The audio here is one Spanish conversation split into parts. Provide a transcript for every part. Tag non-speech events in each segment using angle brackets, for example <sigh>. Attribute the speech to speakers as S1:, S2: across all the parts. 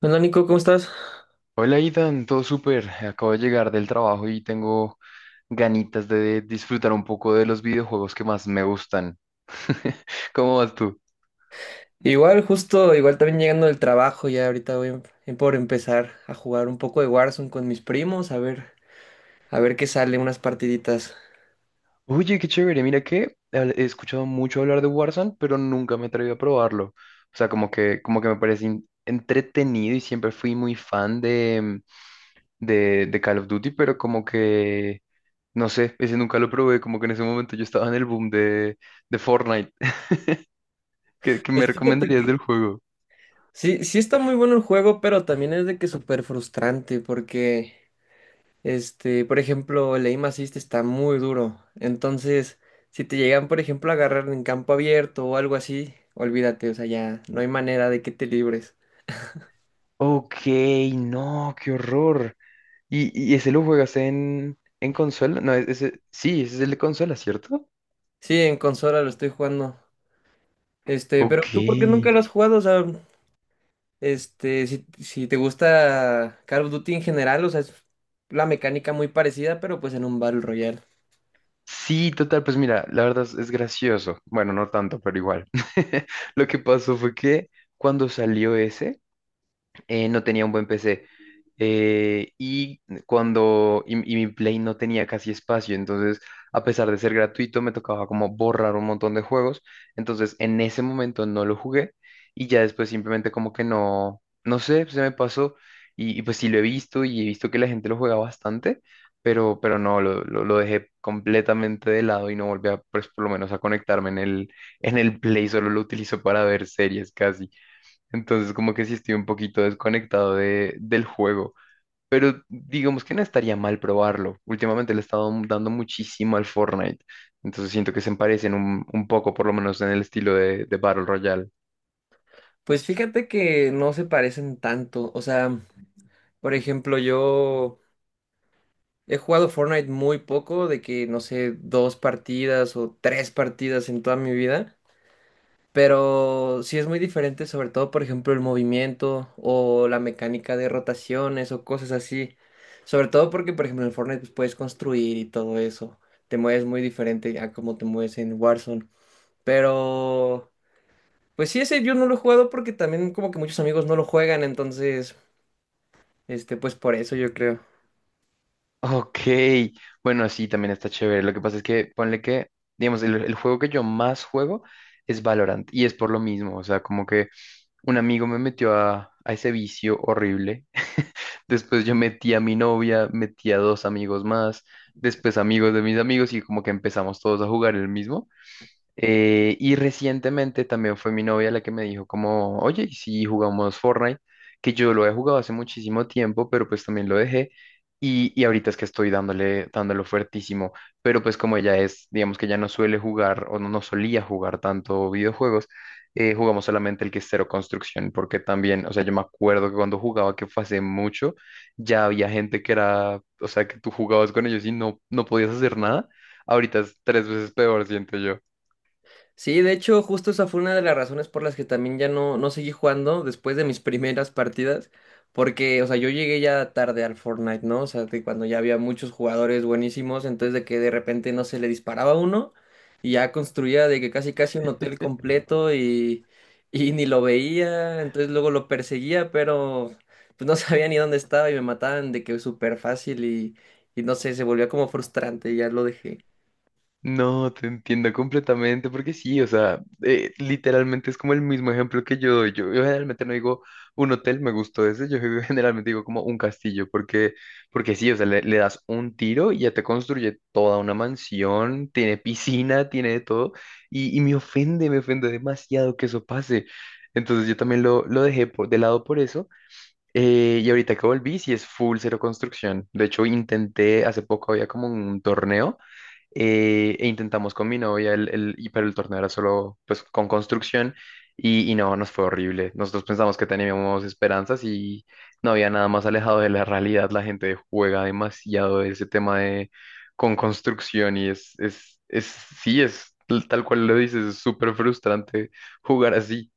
S1: Hola Nico, ¿cómo estás?
S2: Hola, Itan, todo súper. Acabo de llegar del trabajo y tengo ganitas de disfrutar un poco de los videojuegos que más me gustan. <laughs> ¿Cómo vas tú?
S1: Igual, justo, igual también llegando del trabajo, ya ahorita voy por empezar a jugar un poco de Warzone con mis primos, a ver qué sale, unas partiditas.
S2: Oye, qué chévere. Mira que he escuchado mucho hablar de Warzone, pero nunca me atreví a probarlo. O sea, como que me parece entretenido y siempre fui muy fan de Call of Duty, pero como que, no sé, ese nunca lo probé. Como que en ese momento yo estaba en el boom de Fortnite. <laughs> ¿Qué me
S1: Pues fíjate
S2: recomendarías
S1: que
S2: del juego?
S1: sí está muy bueno el juego, pero también es de que súper frustrante, porque, este, por ejemplo, el aim assist está muy duro. Entonces, si te llegan, por ejemplo, a agarrar en campo abierto o algo así, olvídate, o sea, ya no hay manera de que te libres.
S2: Ok, no, qué horror. ¿Y ese lo juegas en consola? No, ese, sí, ese es el de consola, ¿cierto?
S1: Sí, en consola lo estoy jugando. Este, pero
S2: Ok.
S1: tú, ¿por qué nunca lo has jugado? O sea, este, si te gusta Call of Duty en general, o sea, es la mecánica muy parecida, pero pues en un Battle Royale.
S2: Sí, total, pues mira, la verdad es gracioso. Bueno, no tanto, pero igual. <laughs> Lo que pasó fue que cuando salió ese, no tenía un buen PC. Y mi Play no tenía casi espacio, entonces a pesar de ser gratuito me tocaba como borrar un montón de juegos, entonces en ese momento no lo jugué y ya después simplemente como que no, no sé, se me pasó y pues sí lo he visto y he visto que la gente lo juega bastante, pero no, lo dejé completamente de lado y no volví a, pues por lo menos a conectarme en el Play, solo lo utilizo para ver series casi. Entonces, como que sí estoy un poquito desconectado del juego. Pero digamos que no estaría mal probarlo. Últimamente le he estado dando muchísimo al Fortnite. Entonces siento que se parecen un poco, por lo menos en el estilo de Battle Royale. <laughs>
S1: Pues fíjate que no se parecen tanto. O sea, por ejemplo, yo he jugado Fortnite muy poco, de que no sé, dos partidas o tres partidas en toda mi vida. Pero sí es muy diferente, sobre todo, por ejemplo, el movimiento o la mecánica de rotaciones o cosas así. Sobre todo porque, por ejemplo, en Fortnite pues, puedes construir y todo eso. Te mueves muy diferente a como te mueves en Warzone. Pero, pues sí, ese yo no lo he jugado porque también como que muchos amigos no lo juegan, entonces, este, pues por eso yo creo.
S2: Ok. Bueno, sí, también está chévere. Lo que pasa es que, ponle que, digamos, el juego que yo más juego es Valorant. Y es por lo mismo. O sea, como que un amigo me metió a ese vicio horrible. <laughs> Después yo metí a mi novia, metí a dos amigos más, después amigos de mis amigos y como que empezamos todos a jugar el mismo. Y recientemente también fue mi novia la que me dijo como, oye, ¿y si jugamos Fortnite? Que yo lo he jugado hace muchísimo tiempo, pero pues también lo dejé. Y ahorita es que estoy dándolo fuertísimo. Pero pues como ella es, digamos que ya no suele jugar o no solía jugar tanto videojuegos, jugamos solamente el que es cero construcción, porque también, o sea, yo me acuerdo que cuando jugaba, que fue hace mucho, ya había gente que era, o sea, que tú jugabas con ellos y no podías hacer nada. Ahorita es tres veces peor, siento yo.
S1: Sí, de hecho, justo esa fue una de las razones por las que también ya no seguí jugando después de mis <laughs> primeras partidas, porque, o sea, yo llegué ya tarde al Fortnite, ¿no? O sea, que cuando ya había muchos jugadores buenísimos, entonces de que de repente no se le disparaba a uno y ya construía de que casi casi un hotel completo y, <laughs> y ni lo veía, entonces luego lo perseguía, pero pues no <laughs> sabía ni dónde estaba y me mataban de que súper fácil y no sé, se volvía como frustrante y ya lo dejé.
S2: No, te entiendo completamente, porque sí, o sea, literalmente es como el mismo ejemplo que yo doy. Yo generalmente no digo un hotel, me gustó ese, yo <laughs> generalmente digo como un castillo, porque, porque sí, o sea, le das un tiro y ya te construye toda una mansión, tiene piscina, tiene de todo, y me ofende demasiado que eso pase. Entonces yo también lo dejé de lado por eso. Y ahorita que volví, sí es full cero construcción. De hecho, intenté, hace poco había como un torneo e intentamos con mi novia, pero el torneo era solo pues con construcción y no, nos fue horrible. Nosotros pensamos que teníamos esperanzas y no había nada más alejado de la realidad. La gente juega demasiado ese tema de con construcción y sí, es tal cual lo dices, es súper frustrante jugar así.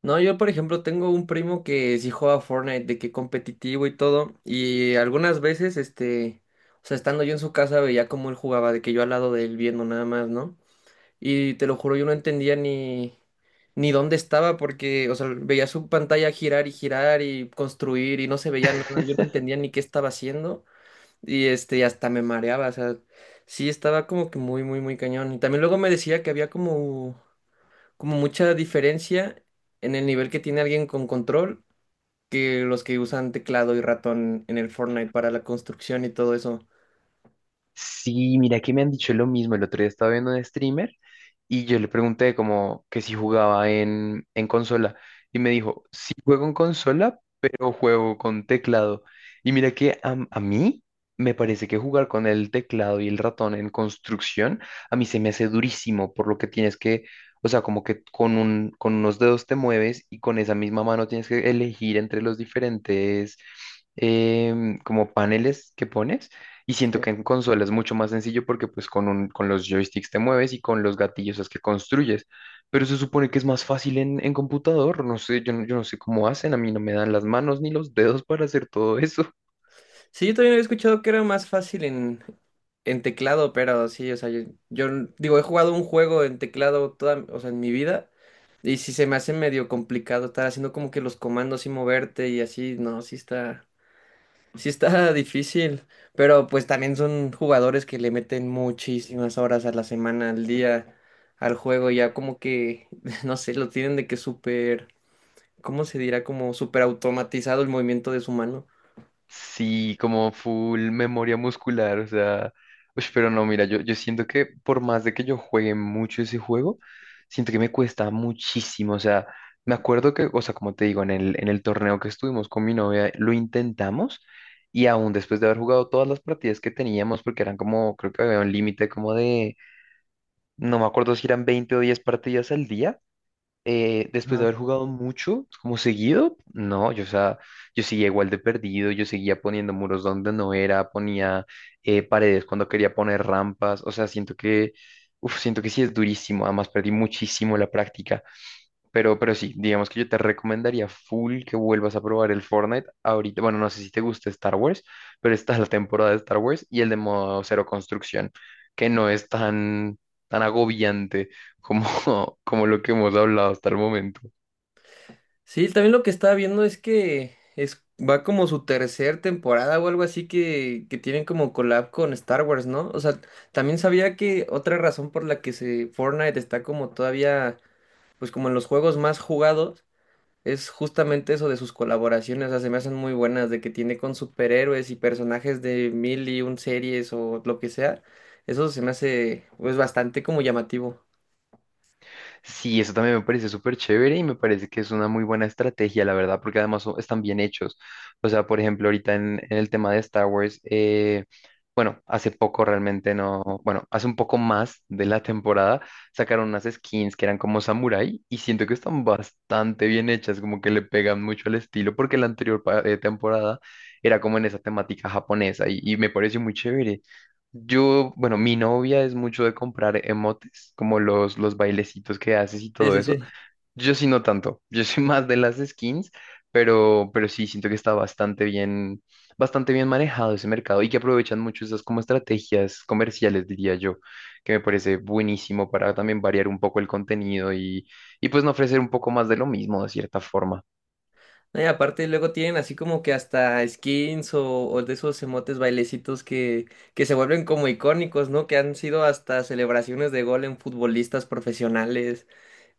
S1: No, yo por ejemplo tengo un primo que sí juega Fortnite, de que competitivo y todo, y algunas veces, este, o sea, estando yo en su casa veía cómo él jugaba, de que yo al lado de él viendo nada más, ¿no? Y te lo juro, yo no entendía ni, ni dónde estaba, porque, o sea, veía su pantalla girar y girar y construir y no se veía nada, yo no
S2: <laughs>
S1: entendía ni qué estaba haciendo, y este, hasta me mareaba, o sea, sí estaba como que muy, muy, muy cañón. Y también luego me decía que había como como mucha diferencia en el nivel que tiene alguien con control que los que usan teclado y ratón en el Fortnite para la construcción y todo eso.
S2: Sí, mira que me han dicho lo mismo. El otro día estaba viendo un streamer y yo le pregunté como que si jugaba en consola. Y me dijo, sí juego en consola, pero juego con teclado. Y mira que a mí me parece que jugar con el teclado y el ratón en construcción, a mí se me hace durísimo, por lo que tienes que, o sea, como que con unos dedos te mueves y con esa misma mano tienes que elegir entre los diferentes como paneles que pones. Y
S1: Sí,
S2: siento que en consola es mucho más sencillo porque pues con los joysticks te mueves y con los gatillos es que construyes. Pero se supone que es más fácil en computador. No sé, yo, yo no sé cómo hacen. A mí no me dan las manos ni los dedos para hacer todo eso.
S1: sí, yo también había escuchado que era más fácil en teclado, pero sí, o sea, yo digo, he jugado un juego en teclado toda, o sea, en mi vida. Y si se me hace medio complicado estar haciendo como que los comandos y moverte y así, no, sí está, sí está difícil, pero pues también son jugadores que le meten muchísimas horas a la semana, al día, al juego, y ya como que, <laughs> no sé, lo tienen de que súper, ¿cómo se dirá? Como súper automatizado el movimiento de su mano.
S2: Sí, como full memoria muscular, o sea, uy, pero no, mira, yo siento que por más de que yo juegue mucho ese juego, siento que me cuesta muchísimo, o sea, me acuerdo que, o sea, como te digo, en el torneo que estuvimos con mi novia, lo intentamos y aún después de haber jugado todas las partidas que teníamos, porque eran como, creo que había un límite como de, no me acuerdo si eran 20 o 10 partidas al día, después de
S1: Ajá.
S2: haber jugado mucho, como seguido, no, yo, o sea, yo seguía igual de perdido, yo seguía poniendo muros donde no era, ponía paredes cuando quería poner rampas, o sea, siento que, uf, siento que sí es durísimo, además perdí muchísimo la práctica. Pero sí, digamos que yo te recomendaría full que vuelvas a probar el Fortnite ahorita. Bueno, no sé si te gusta Star Wars, pero está la temporada de Star Wars y el de modo cero construcción, que no es tan, tan agobiante como, <laughs> como lo que hemos hablado hasta el momento.
S1: Sí, también lo que estaba viendo es que es, va como su tercer temporada o algo así que tienen como collab con Star Wars, ¿no? O sea, también sabía que otra razón por la que se Fortnite está como todavía, pues como en los juegos más jugados es justamente eso de sus colaboraciones, o sea, se me hacen muy buenas, de que tiene con superhéroes y personajes de mil y un series o lo que sea. Eso se me hace, pues, bastante como llamativo.
S2: Sí, eso también me parece súper chévere y me parece que es una muy buena estrategia, la verdad, porque además están bien hechos. O sea, por ejemplo, ahorita en el tema de Star Wars, bueno, hace poco realmente no, bueno, hace un poco más de la temporada sacaron unas skins que eran como samurai y siento que están bastante bien hechas, como que le pegan mucho al estilo, porque la anterior temporada era como en esa temática japonesa y me pareció muy chévere. Yo, bueno, mi novia es mucho de comprar emotes, como los bailecitos que haces y
S1: Sí,
S2: todo
S1: sí,
S2: eso.
S1: sí.
S2: Yo sí no tanto, <laughs> yo soy más de las skins, pero sí siento que está bastante bien manejado ese mercado y que aprovechan mucho esas como estrategias comerciales, diría yo, que me parece buenísimo para también variar un poco el contenido y pues no ofrecer un poco más de lo mismo de cierta forma.
S1: No, y aparte luego tienen así como que hasta skins o de esos emotes bailecitos que se vuelven como icónicos, ¿no? Que han sido hasta celebraciones de gol en futbolistas profesionales.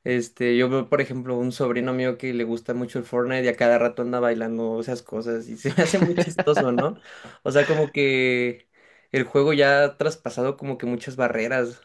S1: Este, yo veo, por ejemplo, un sobrino mío que le gusta mucho el Fortnite y a cada rato anda bailando esas cosas y <laughs> se me hace muy chistoso, ¿no? O sea, como que el juego ya ha traspasado como que muchas barreras.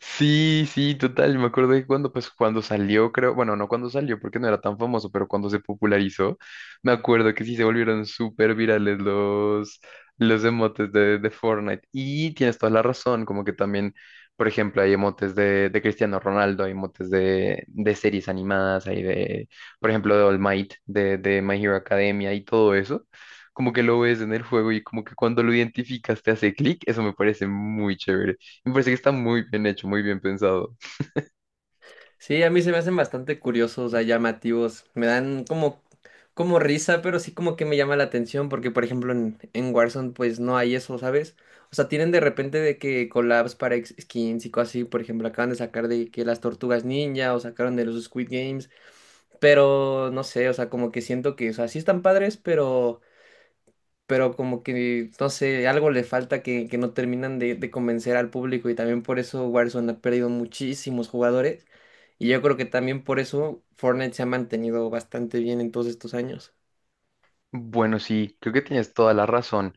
S2: Sí, sí, total. Me acuerdo que cuando, pues, cuando salió, creo, bueno, no cuando salió porque no era tan famoso, pero cuando se popularizó, me acuerdo que sí se volvieron súper virales los emotes de Fortnite. Y tienes toda la razón, como que también, por ejemplo, hay emotes de Cristiano Ronaldo, hay emotes de series animadas, hay de, por ejemplo, de All Might, de My Hero Academia y todo eso. Como que lo ves en el juego y como que cuando lo identificas te hace clic, eso me parece muy chévere. Me parece que está muy bien hecho, muy bien pensado.
S1: Sí, a mí se me hacen bastante curiosos, o sea, llamativos. Me dan como, como risa, pero sí como que me llama la atención porque, por ejemplo, en Warzone pues no hay eso, ¿sabes? O sea, tienen de repente de que collabs para ex- skins y cosas así. Por ejemplo, acaban de sacar de que las tortugas ninja o sacaron de los Squid Games. Pero no sé, o sea, como que siento que, o sea, sí están padres, pero como que, no sé, algo le falta que no terminan de convencer al público y también por eso Warzone ha perdido muchísimos jugadores y yo creo que también por eso Fortnite se ha mantenido bastante bien en todos estos años.
S2: Bueno, sí, creo que tienes toda la razón.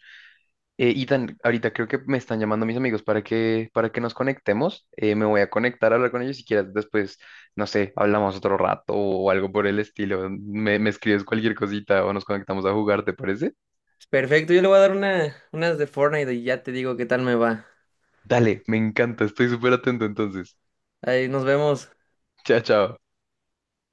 S2: Ethan, ahorita creo que me están llamando mis amigos para que nos conectemos. Me voy a conectar a hablar con ellos si quieres. Después, no sé, hablamos otro rato o algo por el estilo. Me escribes cualquier cosita o nos conectamos a jugar, ¿te parece?
S1: Perfecto, yo le voy a dar una, unas de Fortnite y ya te digo qué tal me va.
S2: Dale, me encanta, estoy súper atento entonces.
S1: Ahí nos vemos.
S2: Chao, chao.